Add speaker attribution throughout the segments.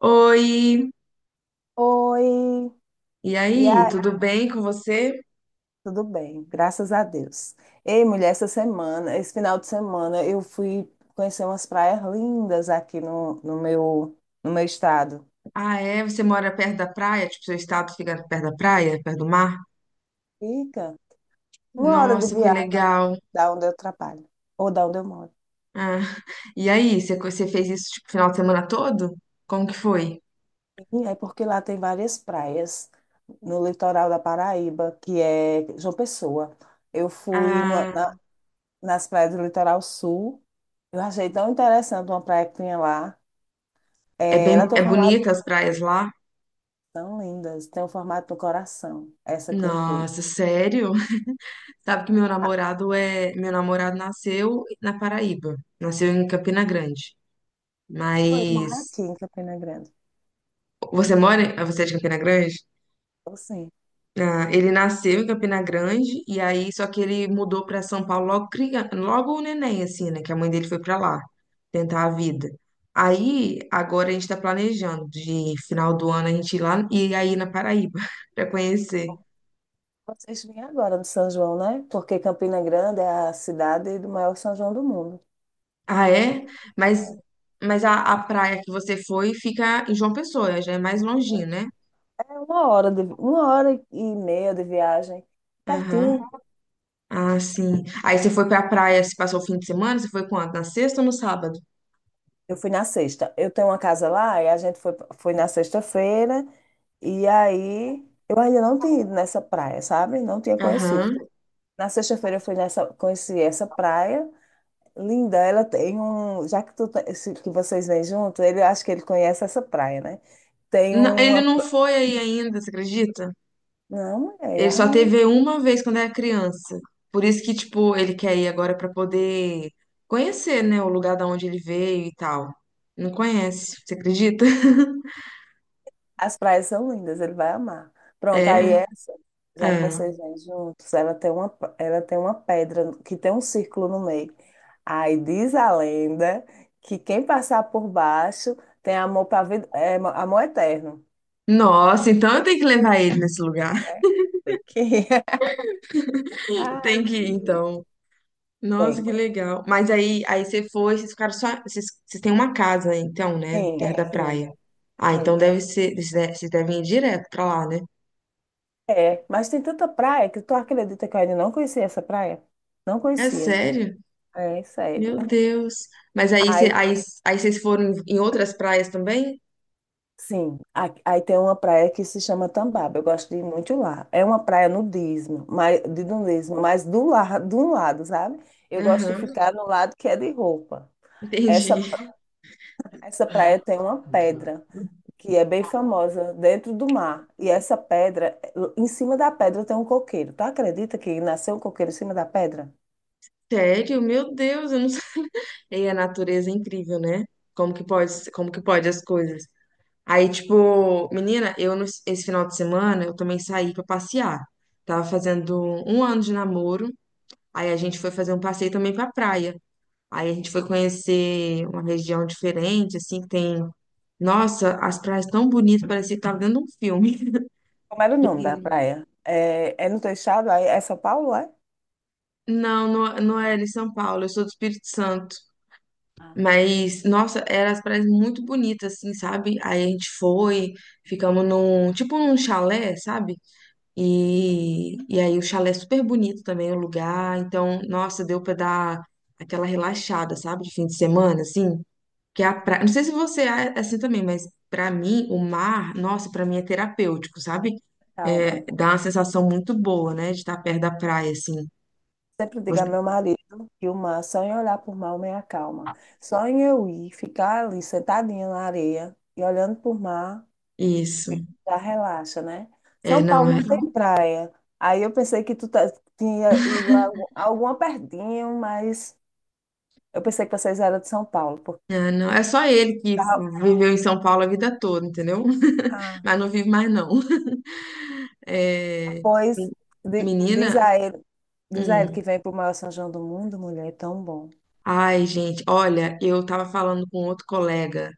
Speaker 1: Oi,
Speaker 2: Oi,
Speaker 1: e
Speaker 2: e
Speaker 1: aí,
Speaker 2: aí,
Speaker 1: tudo bem com você?
Speaker 2: tudo bem, graças a Deus. Ei, mulher, essa semana, esse final de semana, eu fui conhecer umas praias lindas aqui no meu estado.
Speaker 1: Ah, é? Você mora perto da praia? Tipo, seu estado fica perto da praia, perto do mar?
Speaker 2: Fica 1 hora de
Speaker 1: Nossa, que
Speaker 2: viagem
Speaker 1: legal.
Speaker 2: da onde eu trabalho, ou da onde eu moro.
Speaker 1: Ah, e aí, você fez isso tipo final de semana todo? Como que foi?
Speaker 2: E é porque lá tem várias praias no litoral da Paraíba, que é João Pessoa. Eu fui
Speaker 1: Ah,
Speaker 2: nas praias do litoral sul, eu achei tão interessante uma praia que tinha lá. É, ela tem um
Speaker 1: é bonita
Speaker 2: formato.
Speaker 1: as praias lá?
Speaker 2: São lindas. Tem o formato do coração. Essa que eu fui.
Speaker 1: Nossa, sério? Sabe que
Speaker 2: Ah,
Speaker 1: meu namorado nasceu na Paraíba, nasceu em Campina Grande.
Speaker 2: eu moro
Speaker 1: Mas
Speaker 2: aqui em Campina Grande.
Speaker 1: você é de Campina Grande?
Speaker 2: Então, sim.
Speaker 1: Ah, ele nasceu em Campina Grande e aí só que ele mudou para São Paulo logo o neném, assim, né? Que a mãe dele foi para lá tentar a vida. Aí agora a gente está planejando de final do ano a gente ir lá e aí na Paraíba para conhecer.
Speaker 2: Vocês vêm agora no São João, né? Porque Campina Grande é a cidade do maior São João do mundo.
Speaker 1: Ah, é? Mas,
Speaker 2: É
Speaker 1: mas a praia que você foi fica em João Pessoa, já é mais longinho, né?
Speaker 2: é, 1 hora e meia de viagem.
Speaker 1: Aham.
Speaker 2: Pertinho.
Speaker 1: Ah, sim. Aí você foi pra praia, se passou o fim de semana? Você foi quando? Na sexta ou no sábado?
Speaker 2: Eu fui na sexta. Eu tenho uma casa lá e a gente foi na sexta-feira. E aí eu ainda não tinha ido nessa praia, sabe? Não tinha conhecido.
Speaker 1: Aham.
Speaker 2: Na sexta-feira eu fui nessa, conheci essa praia. Linda, ela tem um. Já que, tu, tá- se- que vocês vêm junto, ele acho que ele conhece essa praia, né? Tem
Speaker 1: Ele
Speaker 2: uma.
Speaker 1: não foi aí ainda, você acredita?
Speaker 2: Não, é.
Speaker 1: Ele só teve uma vez quando era criança. Por isso que, tipo, ele quer ir agora pra poder conhecer, né, o lugar da onde ele veio e tal. Não conhece, você acredita?
Speaker 2: As praias são lindas, ele vai amar. Pronto, aí
Speaker 1: É,
Speaker 2: essa, já que
Speaker 1: é.
Speaker 2: vocês vêm juntos, ela tem uma pedra que tem um círculo no meio. Aí diz a lenda que quem passar por baixo tem amor para vida, amor eterno.
Speaker 1: Nossa, então eu tenho que levar ele nesse lugar.
Speaker 2: É? Tem que- Ai,
Speaker 1: Tem que ir,
Speaker 2: Jesus.
Speaker 1: então. Nossa,
Speaker 2: Tem.
Speaker 1: que legal. Mas aí você foi, vocês ficaram só. vocês têm uma casa, então, né?
Speaker 2: Sim,
Speaker 1: Perto, é, da
Speaker 2: sim.
Speaker 1: praia. Ah,
Speaker 2: É.
Speaker 1: então deve ser. Vocês devem ir direto pra lá, né?
Speaker 2: É, mas tem tanta praia que tu acredita que eu ainda não conhecia essa praia? Não
Speaker 1: É
Speaker 2: conhecia.
Speaker 1: sério?
Speaker 2: É, sério.
Speaker 1: Meu Deus. Mas aí,
Speaker 2: Aí,
Speaker 1: aí vocês foram em outras praias também?
Speaker 2: sim, aí tem uma praia que se chama Tambaba. Eu gosto de ir muito lá. É uma praia nudismo, mas, de nudismo, mas do lado, de um lado, sabe? Eu gosto de
Speaker 1: Aham,
Speaker 2: ficar no lado que é de roupa.
Speaker 1: entendi.
Speaker 2: Essa, essa praia tem uma pedra que é bem famosa dentro do mar. E essa pedra, em cima da pedra tem um coqueiro. Tu acredita que nasceu um coqueiro em cima da pedra?
Speaker 1: Sério? Meu Deus, eu não sei. E a natureza é incrível, né? Como que pode as coisas? Aí, tipo, menina, eu no- esse final de semana eu também saí pra passear. Tava fazendo um ano de namoro, aí a gente foi fazer um passeio também pra praia. Aí a gente foi conhecer uma região diferente, assim, que tem. Nossa, as praias tão bonitas, parecia que tava dentro de um filme.
Speaker 2: Como era o nome da praia? É no teu estado? Aí é São Paulo, é?
Speaker 1: Não, não, não era em São Paulo, eu sou do Espírito Santo.
Speaker 2: Ah,
Speaker 1: Mas, nossa, eram as praias muito bonitas, assim, sabe? Aí a gente foi, ficamos num, tipo num chalé, sabe? E aí o chalé é super bonito também, o lugar. Então, nossa, deu pra dar aquela relaxada, sabe? De fim de semana, assim. Que é a praia, não sei se você é assim também, mas pra mim, o mar, nossa, pra mim é terapêutico, sabe? É,
Speaker 2: calma.
Speaker 1: dá uma sensação muito boa, né? De estar perto da praia, assim.
Speaker 2: Sempre digo a
Speaker 1: Você-
Speaker 2: meu marido que o mar, só em olhar por mar, me acalma. Só em eu ir, ficar ali sentadinha na areia e olhando por mar,
Speaker 1: Isso.
Speaker 2: já relaxa, né?
Speaker 1: É,
Speaker 2: São
Speaker 1: não,
Speaker 2: Paulo
Speaker 1: é,
Speaker 2: não tem praia. Aí eu pensei que tinha ido a alguma pertinho, mas eu pensei que vocês eram de São Paulo. Porque
Speaker 1: é, não, é só ele que
Speaker 2: tá,
Speaker 1: viveu em São Paulo a vida toda, entendeu?
Speaker 2: ah,
Speaker 1: Mas não vive mais, não. É,
Speaker 2: pois di- diz
Speaker 1: menina,
Speaker 2: a ele, diz a ele
Speaker 1: hum,
Speaker 2: que vem pro maior São João do mundo, mulher, é tão bom.
Speaker 1: ai, gente, olha, eu tava falando com outro colega,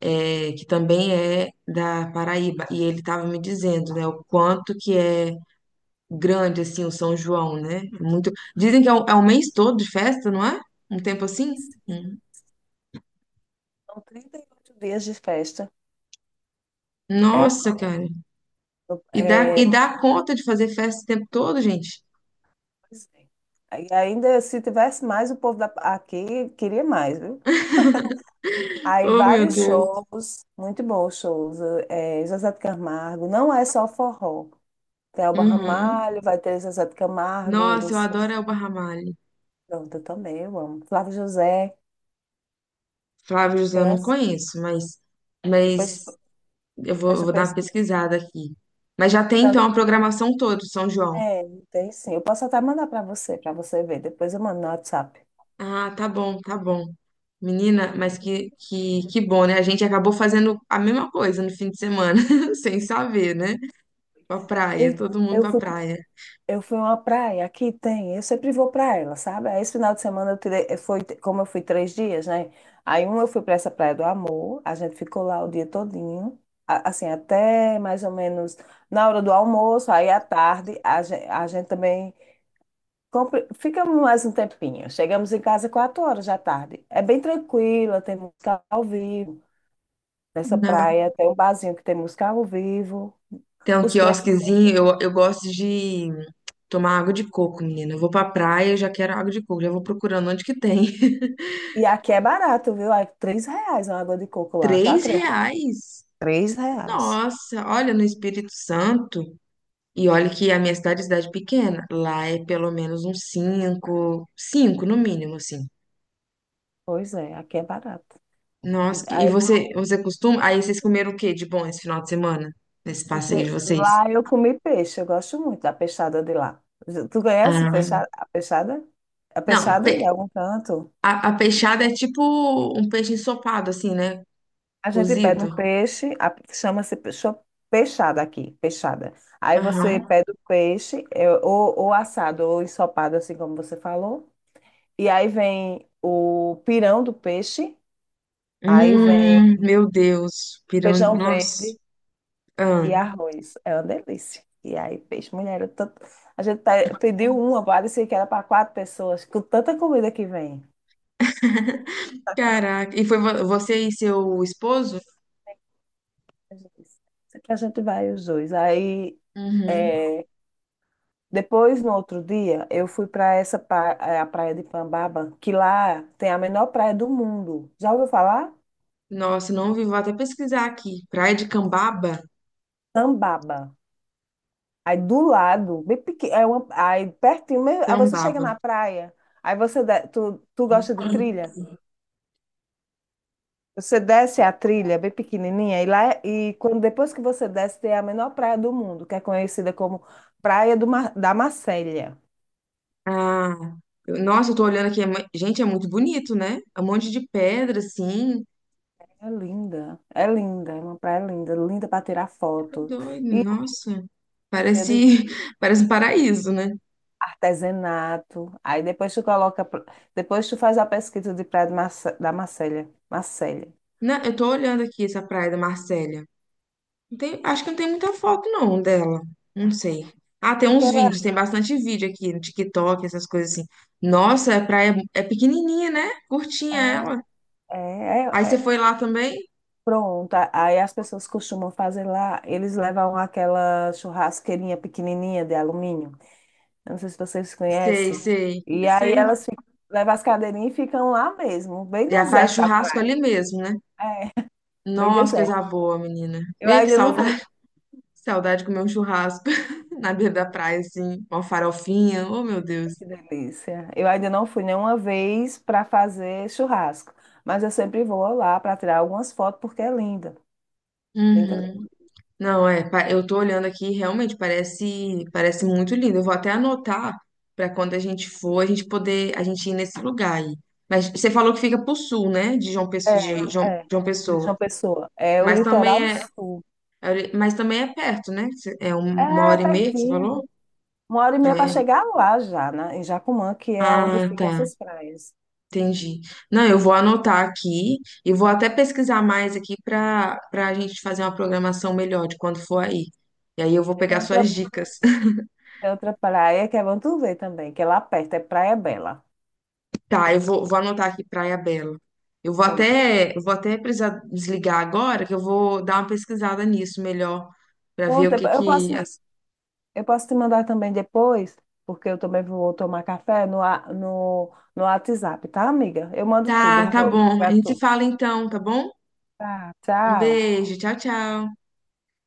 Speaker 1: é, que também é da Paraíba, e ele tava me dizendo, né, o quanto que é grande, assim, o São João, né? É muito, dizem que é o mês todo de festa, não é? Um tempo assim?
Speaker 2: São
Speaker 1: Hum.
Speaker 2: 38 dias de festa. É,
Speaker 1: Nossa,
Speaker 2: festa.
Speaker 1: cara. E dá, e
Speaker 2: É,
Speaker 1: dá conta de fazer festa o tempo todo, gente?
Speaker 2: pois é. Aí ainda se tivesse mais, aqui queria mais, viu? Aí
Speaker 1: Oh, meu
Speaker 2: vários
Speaker 1: Deus.
Speaker 2: shows, muito bons shows. É, José de Camargo, não é só forró. Tem Elba
Speaker 1: Uhum.
Speaker 2: Ramalho, vai ter José de Camargo, e
Speaker 1: Nossa, eu
Speaker 2: Luciano.
Speaker 1: adoro Elba Ramalho.
Speaker 2: Pronto, eu também, eu amo. Flávio José,
Speaker 1: Flávio José eu não
Speaker 2: conhece?
Speaker 1: conheço, mas,
Speaker 2: Depois,
Speaker 1: mas eu vou,
Speaker 2: depois
Speaker 1: eu
Speaker 2: eu
Speaker 1: vou dar uma
Speaker 2: pesquiso.
Speaker 1: pesquisada aqui. Mas já tem então
Speaker 2: Sandra-
Speaker 1: a programação toda, do São João.
Speaker 2: É, tem sim. Eu posso até mandar para você ver. Depois eu mando no WhatsApp.
Speaker 1: Ah, tá bom, tá bom. Menina, mas que bom, né? A gente acabou fazendo a mesma coisa no fim de semana, sem saber, né? Pra praia,
Speaker 2: E
Speaker 1: todo mundo
Speaker 2: eu
Speaker 1: pra
Speaker 2: fui
Speaker 1: praia.
Speaker 2: Eu fui a uma praia, aqui tem, eu sempre vou para ela, sabe? Aí esse final de semana eu tirei, foi, como eu fui 3 dias, né? Aí um eu fui para essa Praia do Amor, a gente ficou lá o dia todinho, assim, até mais ou menos na hora do almoço, aí à tarde a gente também ficamos mais um tempinho. Chegamos em casa 4 horas da tarde. É bem tranquila, tem música ao vivo. Nessa
Speaker 1: Ah,
Speaker 2: praia tem um barzinho que tem música ao vivo.
Speaker 1: tem um
Speaker 2: Os preços são.
Speaker 1: quiosquezinho, eu gosto de tomar água de coco, menina. Eu vou pra praia, eu já quero água de coco, já vou procurando onde que tem.
Speaker 2: E aqui é barato, viu? É R$ 3 uma água de coco lá, tu
Speaker 1: Três
Speaker 2: acredita?
Speaker 1: reais?
Speaker 2: R$ 3.
Speaker 1: Nossa, olha no Espírito Santo. E olha que a minha cidade é cidade pequena. Lá é pelo menos uns cinco, cinco no mínimo, assim.
Speaker 2: Pois é, aqui é barato. E
Speaker 1: Nossa, e
Speaker 2: aí,
Speaker 1: você costuma? Aí vocês comeram o quê de bom esse final de semana? Nesse passeio de vocês?
Speaker 2: lá eu comi peixe, eu gosto muito da peixada de lá. Tu conhece
Speaker 1: Ah,
Speaker 2: a peixada? A
Speaker 1: não,
Speaker 2: peixada de algum canto?
Speaker 1: a peixada é tipo um peixe ensopado, assim, né?
Speaker 2: A gente pede
Speaker 1: Cozido.
Speaker 2: um peixe, chama-se peixada aqui, peixada. Aí você
Speaker 1: Aham.
Speaker 2: pede o peixe, ou assado, ou ensopado, assim como você falou. E aí vem o pirão do peixe, aí vem
Speaker 1: Meu Deus, pirão,
Speaker 2: feijão
Speaker 1: nossa.
Speaker 2: verde. E
Speaker 1: Ah,
Speaker 2: arroz, é uma delícia. E aí, peixe, mulher, eu tanto... a gente pediu uma, parecia que era para 4 pessoas, com tanta comida que vem.
Speaker 1: caraca. E foi você e seu esposo?
Speaker 2: A gente disse, "Isso aqui a gente vai os dois. Aí,
Speaker 1: Uhum.
Speaker 2: é, depois, no outro dia, eu fui para essa a praia de Pambaba, que lá tem a menor praia do mundo. Já ouviu falar?
Speaker 1: Nossa, não vi, vou até pesquisar aqui. Praia de Cambaba?
Speaker 2: Pambaba. Aí do lado, bem pequeno, aí pertinho, aí você chega
Speaker 1: Cambaba.
Speaker 2: na praia, aí você, de- tu, tu gosta de trilha? Você desce a trilha bem pequenininha e e quando depois que você desce tem a menor praia do mundo, que é conhecida como Praia da Macélia.
Speaker 1: Ah, nossa, eu tô olhando aqui. Gente, é muito bonito, né? É um monte de pedra, assim.
Speaker 2: É linda, é linda, é uma praia linda, linda para tirar
Speaker 1: Tá
Speaker 2: foto.
Speaker 1: doido,
Speaker 2: E
Speaker 1: nossa.
Speaker 2: cheia
Speaker 1: Parece,
Speaker 2: de
Speaker 1: parece um paraíso, né?
Speaker 2: artesanato. Aí depois depois tu faz a pesquisa de Praia da Macélia, Macélia.
Speaker 1: Não, eu tô olhando aqui essa praia da Marcélia. Acho que não tem muita foto, não, dela. Não sei. Ah, tem
Speaker 2: Porque
Speaker 1: uns
Speaker 2: ela
Speaker 1: vídeos, tem bastante vídeo aqui no TikTok, essas coisas assim. Nossa, a praia é pequenininha, né? Curtinha
Speaker 2: é,
Speaker 1: ela.
Speaker 2: é,
Speaker 1: Aí
Speaker 2: é,
Speaker 1: você foi
Speaker 2: é.
Speaker 1: lá também?
Speaker 2: Pronta. Aí as pessoas costumam fazer lá, eles levam aquela churrasqueirinha pequenininha de alumínio. Eu não sei se vocês
Speaker 1: Sei,
Speaker 2: conhecem.
Speaker 1: sei,
Speaker 2: E
Speaker 1: eu
Speaker 2: aí
Speaker 1: sei.
Speaker 2: elas ficam, levam as cadeirinhas e ficam lá mesmo, bem
Speaker 1: Já faz
Speaker 2: deserta a
Speaker 1: churrasco
Speaker 2: praia.
Speaker 1: ali mesmo, né?
Speaker 2: É, bem
Speaker 1: Nossa,
Speaker 2: deserta.
Speaker 1: coisa boa, menina.
Speaker 2: Eu
Speaker 1: Vê que
Speaker 2: ainda não fui.
Speaker 1: saudade, saudade de comer um churrasco na beira da praia, assim, uma farofinha. Oh, meu Deus.
Speaker 2: Ai, que delícia. Eu ainda não fui nenhuma vez para fazer churrasco, mas eu sempre vou lá para tirar algumas fotos porque é linda. Linda, linda.
Speaker 1: Uhum. Não, é, eu tô olhando aqui, e realmente parece muito lindo. Eu vou até anotar pra quando a gente for, a gente poder, a gente ir nesse lugar aí. Mas você falou que fica pro sul, né? De João Pessoa,
Speaker 2: É,
Speaker 1: de João,
Speaker 2: é.
Speaker 1: João
Speaker 2: De
Speaker 1: Pessoa.
Speaker 2: João Pessoa. É o
Speaker 1: Mas
Speaker 2: litoral
Speaker 1: também é,
Speaker 2: sul.
Speaker 1: mas também é perto, né? Uma
Speaker 2: É
Speaker 1: hora e meia que você
Speaker 2: pertinho.
Speaker 1: falou?
Speaker 2: 1 hora e meia para
Speaker 1: É.
Speaker 2: chegar lá já, né? Em Jacumã, que é onde
Speaker 1: Ah,
Speaker 2: ficam
Speaker 1: tá.
Speaker 2: essas praias.
Speaker 1: Entendi. Não, eu vou anotar aqui e vou até pesquisar mais aqui para a gente fazer uma programação melhor de quando for aí. E aí eu vou
Speaker 2: Aí
Speaker 1: pegar suas dicas.
Speaker 2: Tem outra praia que é Vantuvé também, que é lá perto, é Praia Bela.
Speaker 1: Tá, eu vou anotar aqui Praia Bela. Eu vou
Speaker 2: Pronto.
Speaker 1: até, eu vou até precisar desligar agora, que eu vou dar uma pesquisada nisso melhor, para ver o
Speaker 2: Pronto, eu
Speaker 1: que
Speaker 2: eu
Speaker 1: que.
Speaker 2: posso, eu posso te mandar também depois, porque eu também vou tomar café no WhatsApp, tá, amiga? Eu mando tudo
Speaker 1: Tá, tá bom. A
Speaker 2: pra
Speaker 1: gente se
Speaker 2: tu.
Speaker 1: fala então, tá bom?
Speaker 2: Tá,
Speaker 1: Um
Speaker 2: tchau.
Speaker 1: beijo, tchau, tchau.